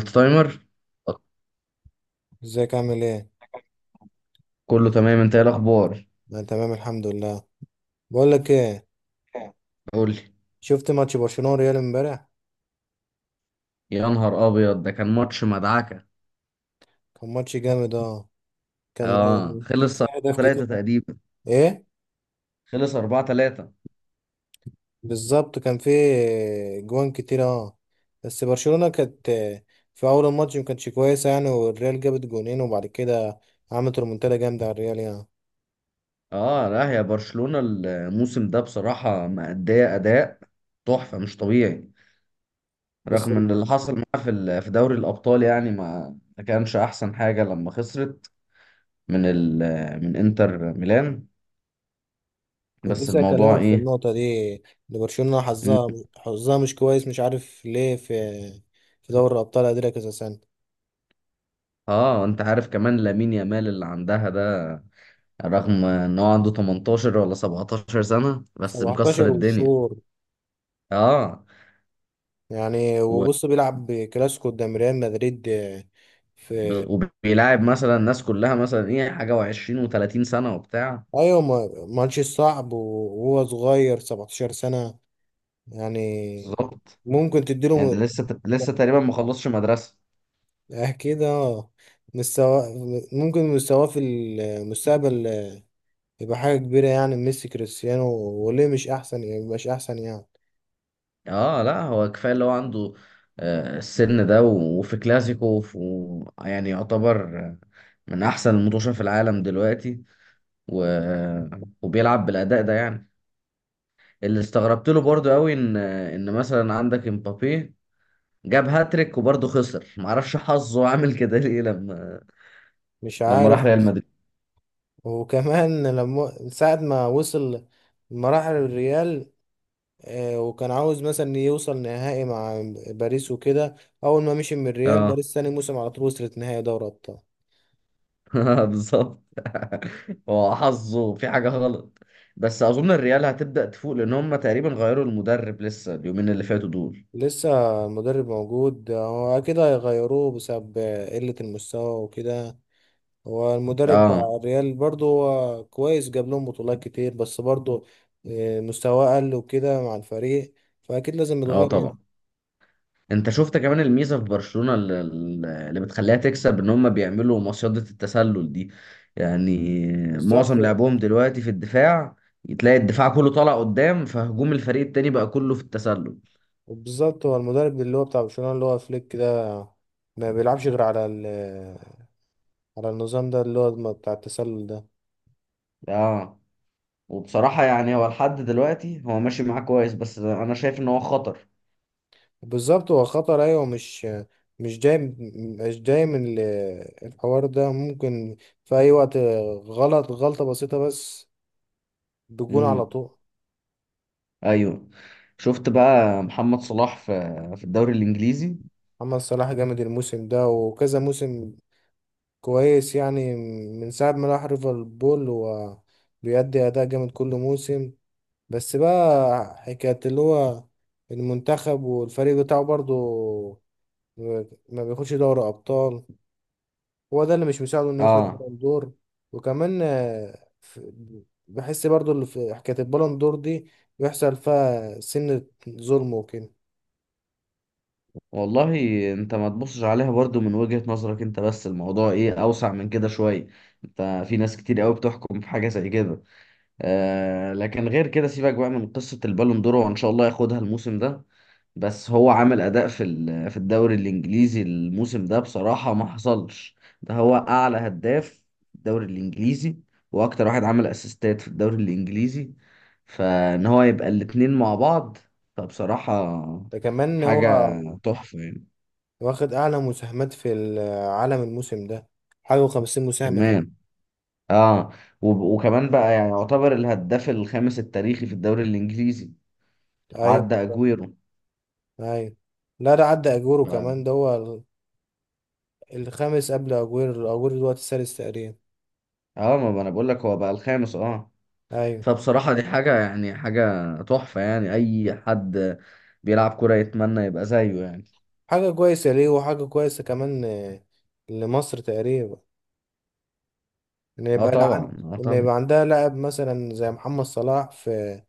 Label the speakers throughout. Speaker 1: التايمر.
Speaker 2: ازيك عامل ايه؟
Speaker 1: كله تمام، انت ايه الاخبار؟
Speaker 2: انا تمام الحمد لله. بقول لك ايه.
Speaker 1: اه، قول لي.
Speaker 2: شفت ماتش برشلونة وريال امبارح.
Speaker 1: يا نهار ابيض، ده كان ماتش مدعكه.
Speaker 2: كان ماتش جامد اه. كان
Speaker 1: اه،
Speaker 2: كان
Speaker 1: خلص
Speaker 2: فيه
Speaker 1: 4
Speaker 2: اهداف كتير.
Speaker 1: 3 تقريبا.
Speaker 2: ايه
Speaker 1: خلص 4 3.
Speaker 2: بالظبط كان فيه جوان كتير اه. بس برشلونة كانت في اول الماتش ما كانتش كويسة يعني، والريال جابت جونين وبعد كده عملت ريمونتادا جامدة على الريال يعني.
Speaker 1: اه لا، يا برشلونه الموسم ده بصراحه مأديه اداء تحفه مش طبيعي.
Speaker 2: بس
Speaker 1: رغم ان اللي حصل معاها في دوري الابطال يعني ما كانش احسن حاجه لما خسرت من ال من انتر ميلان.
Speaker 2: كنت
Speaker 1: بس
Speaker 2: لسه
Speaker 1: الموضوع
Speaker 2: اكلمك في
Speaker 1: ايه؟
Speaker 2: النقطة دي، ان برشلونة حظها، حظها مش كويس مش عارف ليه. في دوري الابطال قادرة كذا سنة.
Speaker 1: اه، انت عارف كمان لامين يامال اللي عندها ده، رغم ان هو عنده 18 ولا 17 سنة بس مكسر
Speaker 2: 17
Speaker 1: الدنيا.
Speaker 2: وشهور
Speaker 1: اه.
Speaker 2: يعني.
Speaker 1: و-
Speaker 2: وبص بيلعب كلاسيكو قدام ريال مدريد في
Speaker 1: وبيلاعب مثلا الناس كلها مثلا ايه حاجة و20 و30 سنة وبتاع.
Speaker 2: ايوه ماتش صعب وهو صغير 17 سنة يعني.
Speaker 1: بالظبط
Speaker 2: ممكن تديله
Speaker 1: يعني. لسه
Speaker 2: أه،
Speaker 1: لسه تقريبا ما خلصش مدرسة.
Speaker 2: اكيد اه مستوى. ممكن مستواه في المستقبل يبقى حاجة كبيرة يعني ميسي كريستيانو. وليه مش احسن يعني مش احسن يعني.
Speaker 1: اه لا، هو كفاية اللي هو عنده. آه، السن ده وفي كلاسيكو يعني يعتبر آه، من احسن المطوشة في العالم دلوقتي. و... وبيلعب بالاداء ده يعني. اللي استغربت له برضو قوي، ان مثلا عندك امبابي جاب هاتريك وبرضه خسر. معرفش حظه عامل كده ليه لما
Speaker 2: مش
Speaker 1: لما راح
Speaker 2: عارف.
Speaker 1: ريال مدريد.
Speaker 2: وكمان لما ساعة ما وصل مراحل الريال وكان عاوز مثلا يوصل نهائي مع باريس وكده. اول ما مشي من الريال،
Speaker 1: اه.
Speaker 2: باريس ثاني موسم على طول وصلت نهائي دوري ابطال.
Speaker 1: بالظبط. هو حظه في حاجة غلط. بس أظن الريال هتبدأ تفوق لأن هم تقريبا غيروا المدرب لسه اليومين اللي فاتوا دول.
Speaker 2: لسه المدرب موجود، هو اكيد هيغيروه بسبب قلة المستوى وكده. هو المدرب بتاع
Speaker 1: اه.
Speaker 2: الريال برضه هو كويس، جاب لهم بطولات كتير، بس برضه مستواه قل وكده مع الفريق. فاكيد لازم
Speaker 1: اه
Speaker 2: يتغير يعني.
Speaker 1: طبعا. انت شفت كمان الميزة في برشلونة اللي، اللي بتخليها تكسب، ان هم بيعملوا مصيدة التسلل دي يعني.
Speaker 2: بالظبط
Speaker 1: معظم
Speaker 2: يعني.
Speaker 1: لعبهم دلوقتي في الدفاع، تلاقي الدفاع كله طالع قدام فهجوم الفريق التاني بقى كله في التسلل.
Speaker 2: بالظبط هو المدرب اللي هو بتاع برشلونة اللي هو فليك ده، ما بيلعبش غير على النظام ده اللي هو بتاع التسلل ده.
Speaker 1: اه. وبصراحة يعني هو لحد دلوقتي هو ماشي معاه كويس، بس انا شايف ان هو خطر.
Speaker 2: بالظبط هو خطر ايوه. مش مش جاي مش جاي من الحوار ده. ممكن في اي وقت غلط غلطة بسيطة بس بجون على
Speaker 1: امم
Speaker 2: طول.
Speaker 1: ايوه. شفت بقى محمد صلاح في في الدوري الانجليزي؟
Speaker 2: محمد صلاح جامد الموسم ده وكذا موسم. كويس يعني. من ساعة ما راح ليفربول هو بيأدي أداء جامد كل موسم. بس بقى حكاية اللي هو المنتخب والفريق بتاعه برضو ما بياخدش دوري أبطال، هو ده اللي مش مساعده انه ياخد
Speaker 1: اه.
Speaker 2: بالون دور. وكمان بحس برضو اللي في حكاية البالون دور دي بيحصل فيها سنة ظلم وكده.
Speaker 1: والله، انت ما تبصش عليها برضو من وجهة نظرك انت، بس الموضوع ايه اوسع من كده شوية. انت في ناس كتير قوي بتحكم في حاجة زي كده. آه، لكن غير كده سيبك بقى من قصة البالون دور، وان شاء الله ياخدها الموسم ده. بس هو عمل اداء في الدوري الانجليزي الموسم ده بصراحه ما حصلش. ده هو اعلى هداف في الدوري الانجليزي، واكتر واحد عمل اسيستات في الدوري الانجليزي، فان هو يبقى الاتنين مع بعض فبصراحه
Speaker 2: ده كمان هو
Speaker 1: حاجه تحفه يعني.
Speaker 2: واخد أعلى مساهمات في العالم الموسم ده، حاجة وخمسين مساهمة تقريبا.
Speaker 1: كمان. اه. وكمان بقى يعني يعتبر الهداف الخامس التاريخي في الدوري الانجليزي.
Speaker 2: أيوة.
Speaker 1: عدى اجويرو.
Speaker 2: أيوة، لا ده عدى أجورو كمان،
Speaker 1: ف-
Speaker 2: ده هو الخامس قبل أجويرو، أجويرو دلوقتي السادس تقريبا.
Speaker 1: اه، ما ما انا بقول لك هو بقى الخامس. اه.
Speaker 2: أيوة.
Speaker 1: فبصراحة دي حاجة يعني حاجة تحفة يعني. أي حد بيلعب كورة يتمنى يبقى زيه يعني.
Speaker 2: حاجة كويسة ليه، وحاجة كويسة كمان لمصر تقريبا، ان
Speaker 1: اه
Speaker 2: يبقى لا عند،
Speaker 1: طبعا، اه
Speaker 2: ان
Speaker 1: طبعا.
Speaker 2: يبقى عندها لاعب مثلا زي محمد صلاح في.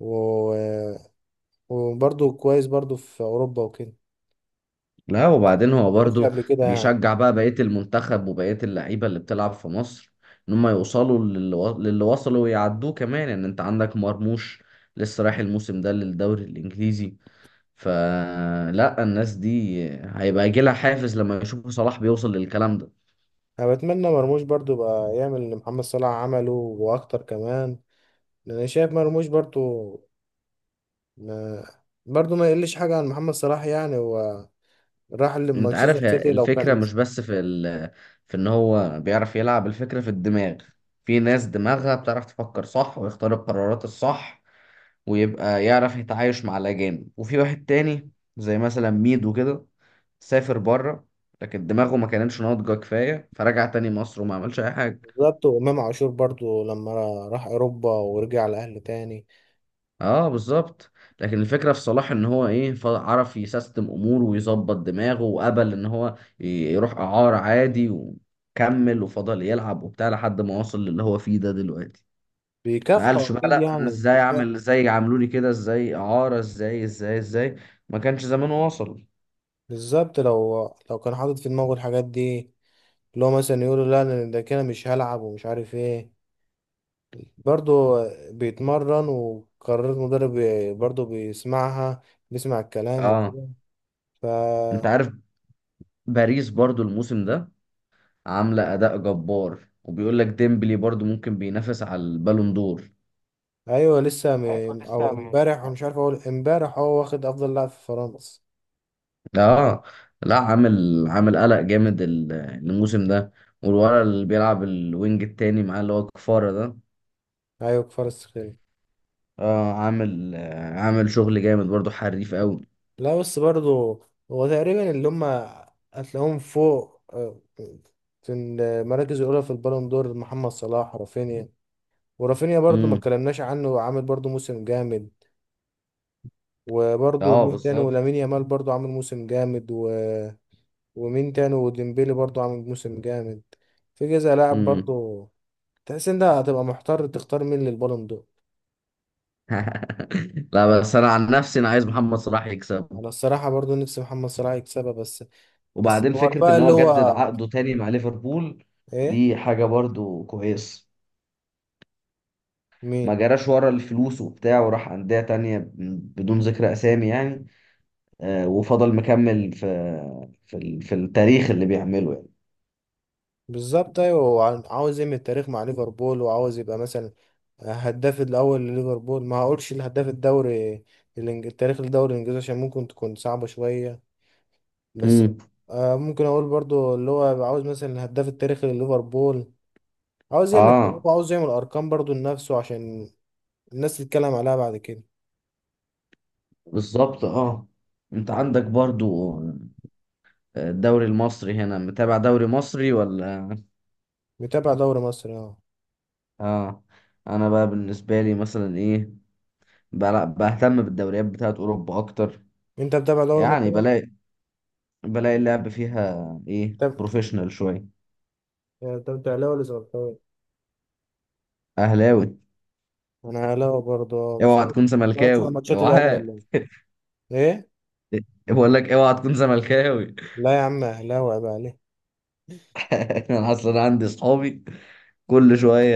Speaker 2: و... وبرضه كويس برضه في اوروبا وكده.
Speaker 1: لا وبعدين
Speaker 2: ما
Speaker 1: هو
Speaker 2: حصلش
Speaker 1: برضو
Speaker 2: قبل كده يعني.
Speaker 1: بيشجع بقى بقية المنتخب وبقية اللعيبة اللي بتلعب في مصر، إن هم يوصلوا للي وصلوا ويعدوه كمان. يعني أنت عندك مرموش لسه رايح الموسم ده للدوري الإنجليزي، فلا الناس دي هيبقى يجيلها حافز لما يشوفوا صلاح بيوصل للكلام ده.
Speaker 2: انا بتمنى مرموش برضه يبقى يعمل اللي محمد صلاح عمله واكتر كمان، لان أنا شايف مرموش برضه ما... برضه ما يقلش حاجه عن محمد صلاح يعني. هو راح
Speaker 1: انت عارف،
Speaker 2: لمانشستر
Speaker 1: هي
Speaker 2: سيتي لو
Speaker 1: الفكرة
Speaker 2: كان مش.
Speaker 1: مش بس في ان هو بيعرف يلعب، الفكرة في الدماغ. في ناس دماغها بتعرف تفكر صح ويختار القرارات الصح، ويبقى يعرف يتعايش مع الأجانب. وفي واحد تاني زي مثلا ميدو كده سافر بره، لكن دماغه ما كانتش ناضجة كفاية فرجع تاني مصر وما عملش أي حاجة.
Speaker 2: بالظبط. وامام عاشور برضه لما راح اوروبا ورجع الاهلي تاني.
Speaker 1: اه بالظبط. لكن الفكره في صلاح ان هو ايه، عرف يسيستم اموره ويظبط دماغه، وقبل ان هو يروح اعاره عادي وكمل وفضل يلعب وبتاع لحد ما وصل للي هو فيه ده دلوقتي. ما
Speaker 2: بيكافحوا
Speaker 1: قالش بقى
Speaker 2: اكيد
Speaker 1: لا انا
Speaker 2: يعني.
Speaker 1: ازاي اعمل، ازاي عملوا لي كده، ازاي اعاره، ازاي ازاي ازاي. ما كانش زمانه وصل.
Speaker 2: بالظبط. لو كان حاطط في دماغه الحاجات دي اللي هو مثلا يقول له لا انا ده كده مش هلعب ومش عارف ايه. برضه بيتمرن وقرارات مدرب برضه بيسمعها، بيسمع الكلام
Speaker 1: اه.
Speaker 2: وكده.
Speaker 1: انت
Speaker 2: فا
Speaker 1: عارف باريس برضو الموسم ده عامله اداء جبار، وبيقول لك ديمبلي برضو ممكن بينافس على البالون دور.
Speaker 2: ايوه. لسه م...
Speaker 1: ايوه لسه.
Speaker 2: او امبارح مش عارف اقول، امبارح هو واخد افضل لاعب في فرنسا.
Speaker 1: اه لا، عامل عامل قلق جامد الموسم ده. والولد اللي بيلعب الوينج التاني معاه اللي هو كفارة ده.
Speaker 2: ايوه في فرنسا كده.
Speaker 1: اه، عامل آه، عامل شغل جامد برضو، حريف قوي.
Speaker 2: لا بس برضه هو تقريبا اللي هم هتلاقيهم فوق في المراكز الاولى في البالون دور: محمد صلاح، رافينيا. ورافينيا برضو ما
Speaker 1: امم
Speaker 2: اتكلمناش عنه، عامل برضو موسم جامد. وبرضو
Speaker 1: اه
Speaker 2: مين تاني؟ ولامين
Speaker 1: بالظبط.
Speaker 2: يامال برضو عامل موسم جامد. و... ومين تاني؟ وديمبيلي برضو عامل موسم جامد. في كذا لاعب
Speaker 1: امم
Speaker 2: برضو تحس ان ده هتبقى محتار تختار مين للبالون دور.
Speaker 1: لا بس انا عن نفسي انا عايز محمد صلاح يكسب.
Speaker 2: انا الصراحة برضو نفسي محمد صلاح يكسبها. بس بس
Speaker 1: وبعدين
Speaker 2: الحوار
Speaker 1: فكرة
Speaker 2: بقى
Speaker 1: ان
Speaker 2: اللي
Speaker 1: هو جدد
Speaker 2: هو
Speaker 1: عقده تاني مع ليفربول
Speaker 2: ايه؟
Speaker 1: دي حاجة برضو كويس. ما
Speaker 2: مين؟
Speaker 1: جراش ورا الفلوس وبتاع وراح أندية تانية بدون ذكر أسامي يعني. آه، وفضل مكمل في في التاريخ اللي بيعمله يعني.
Speaker 2: بالظبط ايوه. هو عاوز يعمل تاريخ مع ليفربول، وعاوز يبقى مثلا هداف الاول لليفربول. ما هقولش الهداف الدوري التاريخ الدوري الانجليزي عشان ممكن تكون صعبه شويه. بس
Speaker 1: امم
Speaker 2: آه ممكن اقول برضو اللي هو عاوز مثلا الهداف التاريخي لليفربول. عاوز يعمل تاريخ
Speaker 1: اه
Speaker 2: وعاوز يعمل ارقام برضو لنفسه عشان الناس تتكلم عليها بعد كده.
Speaker 1: بالظبط اه. انت عندك برضو آه، الدوري المصري هنا، متابع دوري مصري ولا؟
Speaker 2: متابع دوري مصر اه.
Speaker 1: اه. انا بقى بالنسبه لي مثلا ايه، بهتم بالدوريات بتاعت اوروبا اكتر.
Speaker 2: انت متابع دوري
Speaker 1: يعني
Speaker 2: مصر؟
Speaker 1: بلاقي بلاقي اللعب فيها ايه،
Speaker 2: متابع.
Speaker 1: بروفيشنال شويه.
Speaker 2: انت اهلاوي ولا زملكاوي؟
Speaker 1: اهلاوي.
Speaker 2: انا اهلاوي برضو آه.
Speaker 1: اوعى تكون
Speaker 2: بتفرجش على
Speaker 1: زملكاوي،
Speaker 2: ماتشات الاهلي
Speaker 1: اوعى.
Speaker 2: ولا؟ ايه ايه.
Speaker 1: بقول لك اوعى تكون زملكاوي.
Speaker 2: لا يا عم اهلاوي، عيب عليك.
Speaker 1: انا اصلا عندي صحابي، كل شويه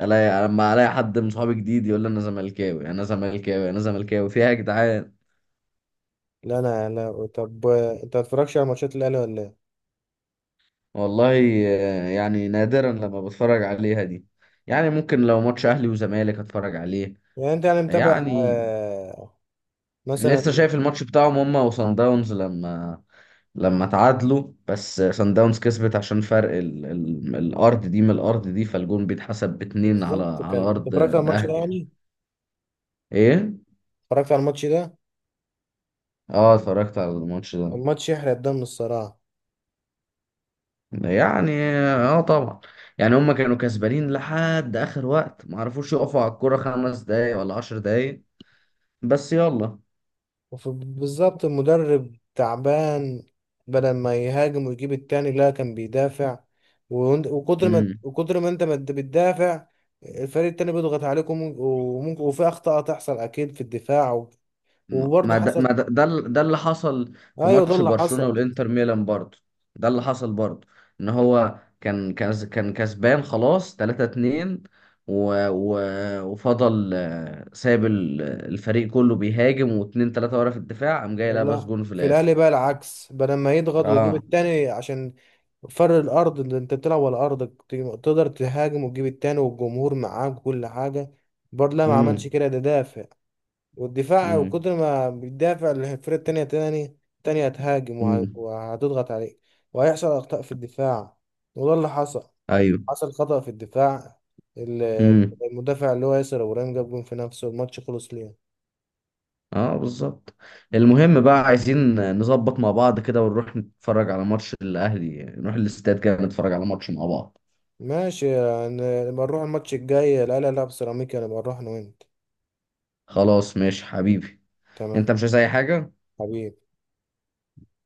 Speaker 1: الاقي، لما الاقي حد من صحابي جديد يقول لي انا زملكاوي، انا زملكاوي، انا زملكاوي. فيها يا جدعان!
Speaker 2: لا انا اهلاوي. طب انت ما بتتفرجش على ماتشات الاهلي ولا إيه؟
Speaker 1: والله، آه، يعني نادرا لما بتفرج عليها دي. يعني ممكن لو ماتش اهلي وزمالك اتفرج عليه.
Speaker 2: يعني انت يعني متابع
Speaker 1: يعني
Speaker 2: آه
Speaker 1: لسه
Speaker 2: مثلا؟
Speaker 1: شايف الماتش بتاعهم هما وصن داونز لما لما تعادلوا، بس صن داونز كسبت عشان فرق الارض دي من الارض دي، فالجون بيتحسب باتنين على
Speaker 2: بالظبط.
Speaker 1: على
Speaker 2: كان انت
Speaker 1: ارض
Speaker 2: اتفرجت على الماتش ده
Speaker 1: الاهلي يعني.
Speaker 2: يعني؟
Speaker 1: ايه.
Speaker 2: اتفرجت على الماتش ده.
Speaker 1: اه، اتفرجت على الماتش ده
Speaker 2: الماتش يحرق الدم الصراحة.
Speaker 1: يعني. اه طبعا. يعني هم كانوا كسبانين لحد اخر وقت ما عرفوش يقفوا على الكرة خمس دقايق ولا عشر دقايق، بس يلا.
Speaker 2: بالظبط المدرب تعبان، بدل ما يهاجم ويجيب التاني لا كان بيدافع. وكتر ما
Speaker 1: امم
Speaker 2: وكتر ما انت ما انت بتدافع، الفريق التاني بيضغط عليكم وممكن وفي اخطاء تحصل اكيد في الدفاع، وبرضه
Speaker 1: ما ده
Speaker 2: حصل.
Speaker 1: ما ده ده, ال- ده اللي حصل في
Speaker 2: ايوه ده
Speaker 1: ماتش
Speaker 2: اللي
Speaker 1: برشلونة
Speaker 2: حصل.
Speaker 1: والانتر ميلان برضه. ده اللي حصل برضه، ان هو كان كسبان خلاص 3-2، و... و... وفضل آه، ساب الفريق كله بيهاجم واتنين تلاتة ورا في الدفاع، قام جاي لابس
Speaker 2: لا
Speaker 1: جون في
Speaker 2: في
Speaker 1: الاخر.
Speaker 2: الاهلي بقى العكس، بدل ما يضغط ويجيب
Speaker 1: اه.
Speaker 2: التاني عشان فر الارض اللي انت بتلعب على ارضك تقدر تهاجم وتجيب التاني والجمهور معاك وكل حاجه، برضه لا ما
Speaker 1: امم
Speaker 2: عملش كده، ده دافع. والدفاع وكتر ما بيدافع الفرقه التانيه تانية هتهاجم
Speaker 1: امم
Speaker 2: وهتضغط عليك، وهيحصل اخطاء في الدفاع. وده اللي حصل.
Speaker 1: ايوه.
Speaker 2: حصل خطأ في الدفاع. ال-
Speaker 1: امم
Speaker 2: المدافع اللي هو ياسر ابراهيم جاب جون في نفسه، الماتش خلص ليه.
Speaker 1: اه بالظبط. المهم بقى عايزين نظبط مع بعض كده ونروح نتفرج على ماتش الاهلي، نروح الاستاد كده نتفرج على ماتش مع بعض.
Speaker 2: ماشي يعني. نبقى نروح الماتش الجاي، لا لا لا بسيراميكا، نبقى نروح انا وانت.
Speaker 1: خلاص ماشي حبيبي.
Speaker 2: تمام
Speaker 1: انت مش عايز اي حاجة؟
Speaker 2: حبيبي.